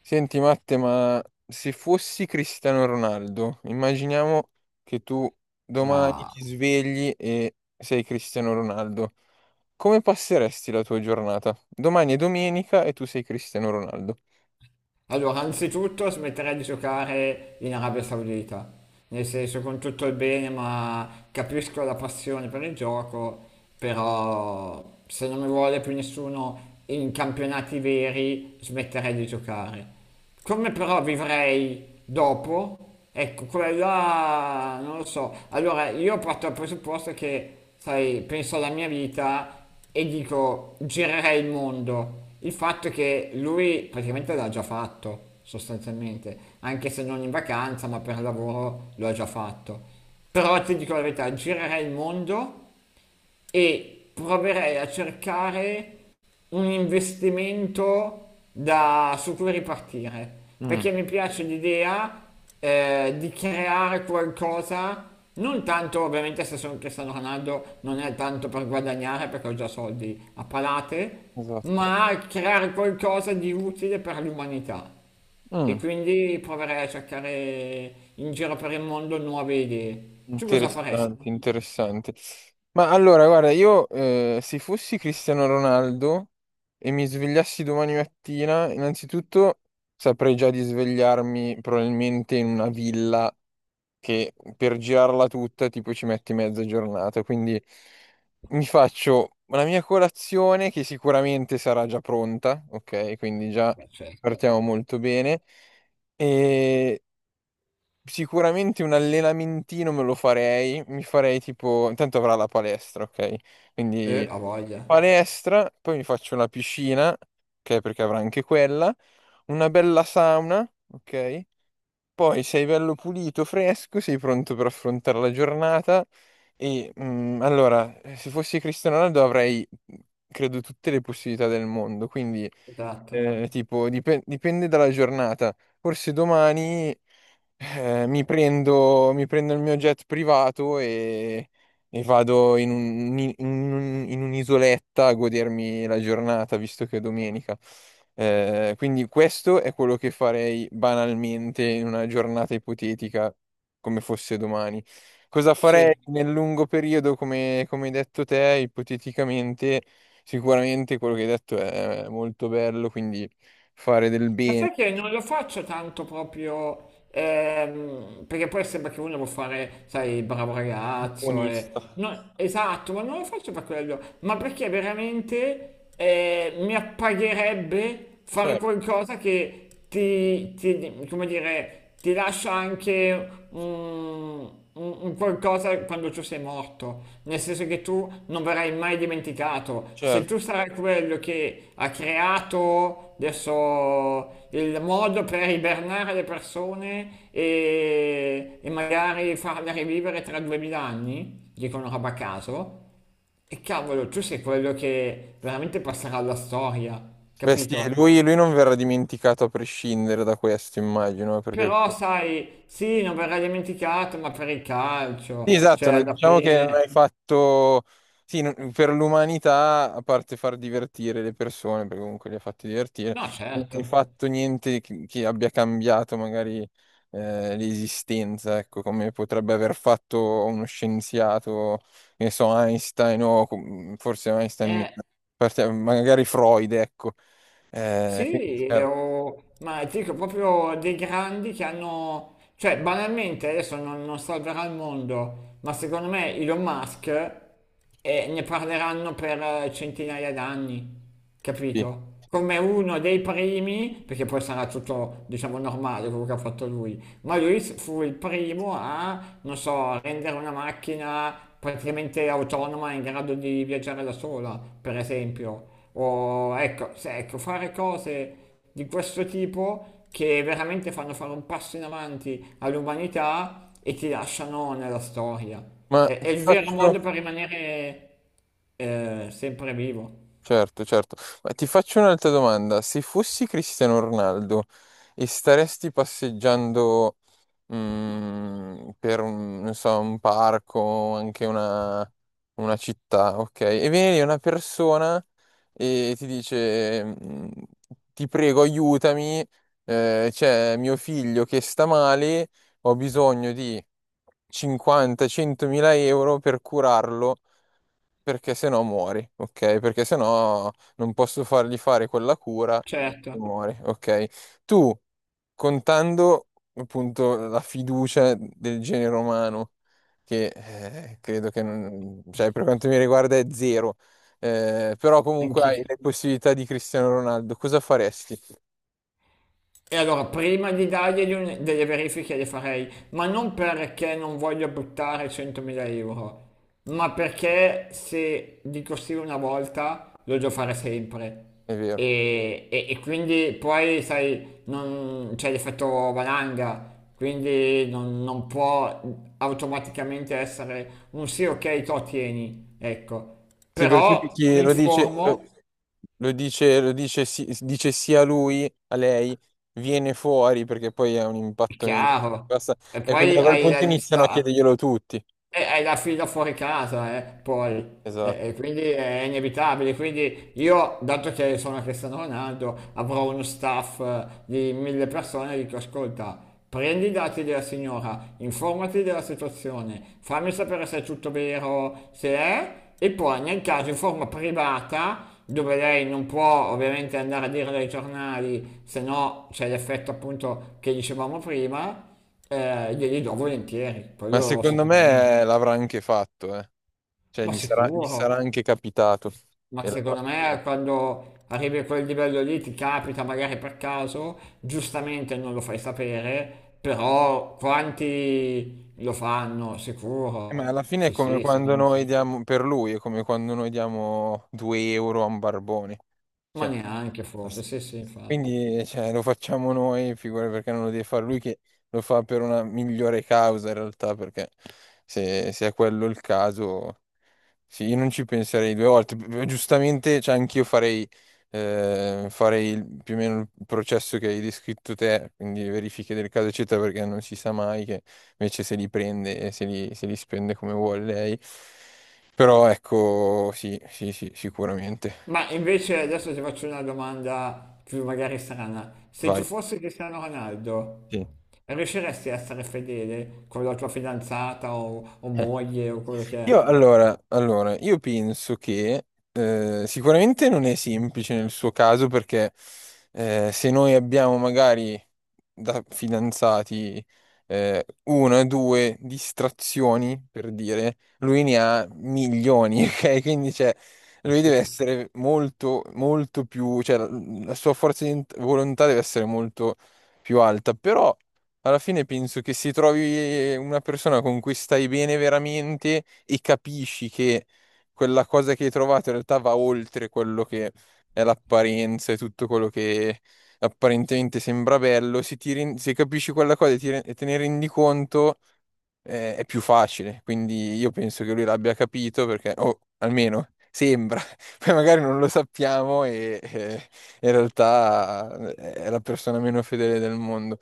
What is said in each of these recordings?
Senti Matte, ma se fossi Cristiano Ronaldo, immaginiamo che tu domani Ah. ti svegli e sei Cristiano Ronaldo. Come passeresti la tua giornata? Domani è domenica e tu sei Cristiano Ronaldo. Allora, anzitutto smetterei di giocare in Arabia Saudita, nel senso con tutto il bene, ma capisco la passione per il gioco, però se non mi vuole più nessuno in campionati veri smetterei di giocare. Come però vivrei dopo? Ecco, quella non lo so. Allora, io parto dal presupposto che, sai, penso alla mia vita e dico girerei il mondo. Il fatto è che lui praticamente l'ha già fatto, sostanzialmente, anche se non in vacanza, ma per lavoro lo ha già fatto. Però ti dico la verità, girerei il mondo e proverei a cercare un investimento su cui ripartire, Mm. perché mi piace l'idea di creare qualcosa, non tanto ovviamente se sono Cristiano Ronaldo non è tanto per guadagnare perché ho già soldi a palate, Esatto. ma creare qualcosa di utile per l'umanità. E Mm, quindi proverei a cercare in giro per il mondo nuove idee. Tu cosa interessante, faresti? interessante. Ma allora, guarda, io se fossi Cristiano Ronaldo e mi svegliassi domani mattina, innanzitutto saprei già di svegliarmi probabilmente in una villa che per girarla tutta tipo ci metti mezza giornata, quindi mi faccio la mia colazione che sicuramente sarà già pronta, ok? Quindi già Beh, certo. partiamo molto bene e sicuramente un allenamentino me lo farei, mi farei tipo, intanto avrà la palestra, ok? Quindi Ha voglia, palestra, poi mi faccio una piscina, ok? Perché avrà anche quella, una bella sauna, ok? Poi sei bello pulito, fresco, sei pronto per affrontare la giornata e se fossi Cristiano Ronaldo avrei, credo, tutte le possibilità del mondo, quindi esatto. Tipo, dipende dalla giornata. Forse domani mi prendo il mio jet privato e vado in in un'isoletta a godermi la giornata, visto che è domenica. Quindi questo è quello che farei banalmente in una giornata ipotetica, come fosse domani. Cosa Sì, farei nel lungo periodo, come, come hai detto te, ipoteticamente? Sicuramente quello che hai detto è molto bello, quindi fare del ma bene, sai che non lo faccio tanto proprio, perché poi sembra che uno vuole fare, sai, il bravo un ragazzo. E... buonista. no, esatto, ma non lo faccio per quello, ma perché veramente mi appagherebbe fare Certo, qualcosa che come dire, ti lascia anche un qualcosa quando tu sei morto, nel senso che tu non verrai mai dimenticato. Se certo. tu sarai quello che ha creato adesso il modo per ibernare le persone e magari farle rivivere tra 2000 anni, dico una roba a caso, e cavolo, tu sei quello che veramente passerà alla storia, Beh sì, capito? Lui non verrà dimenticato a prescindere da questo, immagino, perché Però sai, sì, non verrà dimenticato, ma per il sì, calcio, esatto, cioè alla diciamo che non fine... hai fatto, sì, non per l'umanità, a parte far divertire le persone, perché comunque li ha fatti divertire, No, non certo. hai fatto niente che, che abbia cambiato magari l'esistenza, ecco, come potrebbe aver fatto uno scienziato, che ne so, Einstein o forse Einstein meno, Eh, magari Freud, ecco. Quindi, sì, certo, o... ma dico proprio dei grandi che hanno... Cioè, banalmente, adesso non salverà il mondo, ma secondo me Elon Musk ne parleranno per centinaia d'anni, sì. capito? Come uno dei primi, perché poi sarà tutto, diciamo, normale quello che ha fatto lui. Ma lui fu il primo a, non so, rendere una macchina praticamente autonoma in grado di viaggiare da sola, per esempio. O ecco, ecco, fare cose di questo tipo che veramente fanno fare un passo in avanti all'umanità e ti lasciano nella storia. Ma È, ti è il vero faccio... modo per rimanere sempre vivo. Certo, certo. Ma ti faccio un'altra domanda. Se fossi Cristiano Ronaldo e staresti passeggiando per un, non so, un parco, anche una città, ok? E viene lì una persona e ti dice, ti prego, aiutami, c'è mio figlio che sta male, ho bisogno di 50-100 mila euro per curarlo perché se no muori, ok? Perché se no non posso fargli fare quella cura e Certo, muori, ok? Tu, contando appunto la fiducia del genere umano, che credo che, non cioè, per quanto mi riguarda è zero, però comunque hai anch'io. le possibilità di Cristiano Ronaldo, cosa faresti? E allora prima di dargli delle verifiche le farei, ma non perché non voglio buttare 100.000 euro, ma perché se dico sì una volta lo devo fare sempre. È vero. E quindi poi, sai, non c'è l'effetto valanga, quindi non può automaticamente essere un sì, ok, to tieni, ecco. Sì, perché Però chi mi lo dice, informo, lo dice, sì dice sia lui a lei, viene fuori perché poi è un è impatto migliore. chiaro. Basta... E E quindi poi da quel hai la punto iniziano a lista. chiederglielo tutti. E hai la fila fuori casa, poi. Esatto. E quindi è inevitabile. Quindi io, dato che sono Cristiano Ronaldo, avrò uno staff di 1000 persone e dico, ascolta, prendi i dati della signora, informati della situazione, fammi sapere se è tutto vero, se è, e poi nel caso in forma privata, dove lei non può ovviamente andare a dire dai giornali, se no c'è l'effetto appunto che dicevamo prima, glieli do volentieri, Ma quello secondo sicuramente. me l'avrà anche fatto, eh. Cioè Ma gli sicuro, sarà anche capitato. ma E l'avrà... secondo me quando arrivi a quel livello lì ti capita magari per caso, giustamente non lo fai sapere, però quanti lo fanno, ma alla sicuro. fine è Sì, come sì, quando secondo me noi sì. diamo, per lui, è come quando noi diamo 2 euro a un barbone. Ma Cioè, neanche forse, sì, sì, infatti. quindi cioè, lo facciamo noi, figura perché non lo deve fare lui che lo fa per una migliore causa in realtà, perché se è quello il caso, sì, io non ci penserei due volte. P- Giustamente, cioè, anch'io farei, farei il... più o meno il processo che hai descritto te, quindi verifiche del caso eccetera, perché non si sa mai che invece se li prende e se li spende come vuole lei. Però ecco, sì, sì, sì, sicuramente. Ma invece adesso ti faccio una domanda più magari strana. Se tu Vai. fossi Cristiano Ronaldo, Sì. riusciresti a essere fedele con la tua fidanzata o moglie o quello che Io è? allora, io penso che sicuramente non è semplice nel suo caso perché se noi abbiamo magari da fidanzati una, due distrazioni, per dire, lui ne ha milioni, ok? Quindi cioè, Eh, lui deve sì. essere molto, molto più, cioè la sua forza di volontà deve essere molto più alta, però alla fine penso che se trovi una persona con cui stai bene veramente e capisci che quella cosa che hai trovato in realtà va oltre quello che è l'apparenza e tutto quello che apparentemente sembra bello, se, se capisci quella cosa e, e te ne rendi conto, è più facile. Quindi io penso che lui l'abbia capito perché, o almeno sembra, poi magari non lo sappiamo e in realtà è la persona meno fedele del mondo.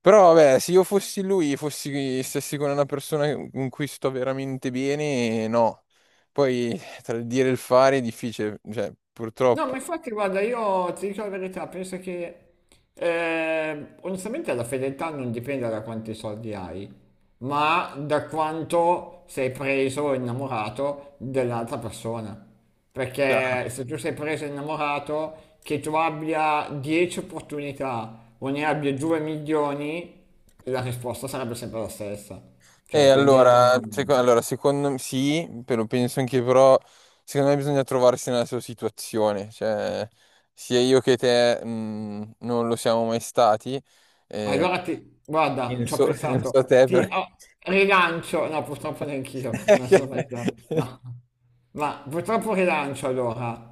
Però vabbè, se io fossi lui, stessi con una persona con cui sto veramente bene, no. Poi tra il dire e il fare è difficile, cioè No, ma purtroppo. infatti, guarda, io ti dico la verità, penso che onestamente la fedeltà non dipende da quanti soldi hai, ma da quanto sei preso o innamorato dell'altra persona. Perché se tu sei preso e innamorato, che tu abbia 10 opportunità o ne abbia 2 milioni, la risposta sarebbe sempre la stessa. E Cioè, quindi allora, non... secondo me sì, però penso anche però, secondo me bisogna trovarsi nella sua situazione, cioè sia io che te non lo siamo mai stati, eh, Allora guarda, bene. ci ho Non pensato, so te ti perché oh, rilancio, no purtroppo neanch'io, non sono mai piano, no, ma purtroppo rilancio allora.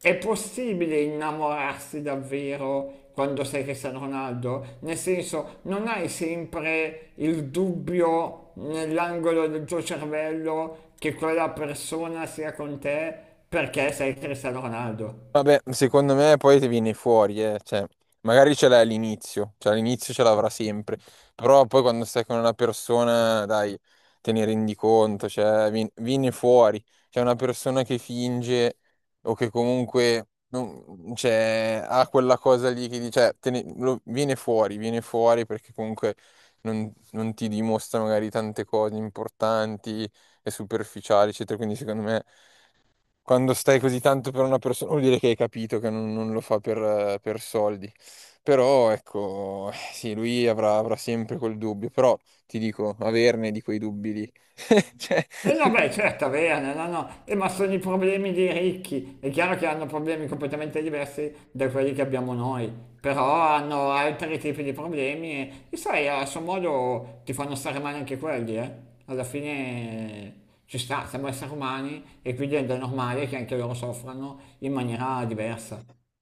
È possibile innamorarsi davvero quando sei Cristiano Ronaldo? Nel senso, non hai sempre il dubbio nell'angolo del tuo cervello che quella persona sia con te perché sei Cristiano Ronaldo. vabbè, secondo me poi ti viene fuori, eh. Cioè, magari ce l'hai all'inizio, cioè all'inizio ce l'avrà sempre, però poi quando stai con una persona, dai, te ne rendi conto, cioè, viene fuori. C'è una persona che finge o che comunque non cioè, ha quella cosa lì che dice, viene fuori perché comunque non ti dimostra magari tante cose importanti e superficiali, eccetera, quindi secondo me... Quando stai così tanto per una persona, vuol dire che hai capito che non lo fa per soldi. Però ecco, sì, avrà sempre quel dubbio, però ti dico, averne di quei dubbi lì. Cioè, E no, beh, certo, averne, no, no, no. Ma sono i problemi dei ricchi. È chiaro che hanno problemi completamente diversi da quelli che abbiamo noi, però hanno altri tipi di problemi e sai, a suo modo ti fanno stare male anche quelli, eh. Alla fine ci sta, siamo esseri umani e quindi è normale che anche loro soffrano in maniera diversa.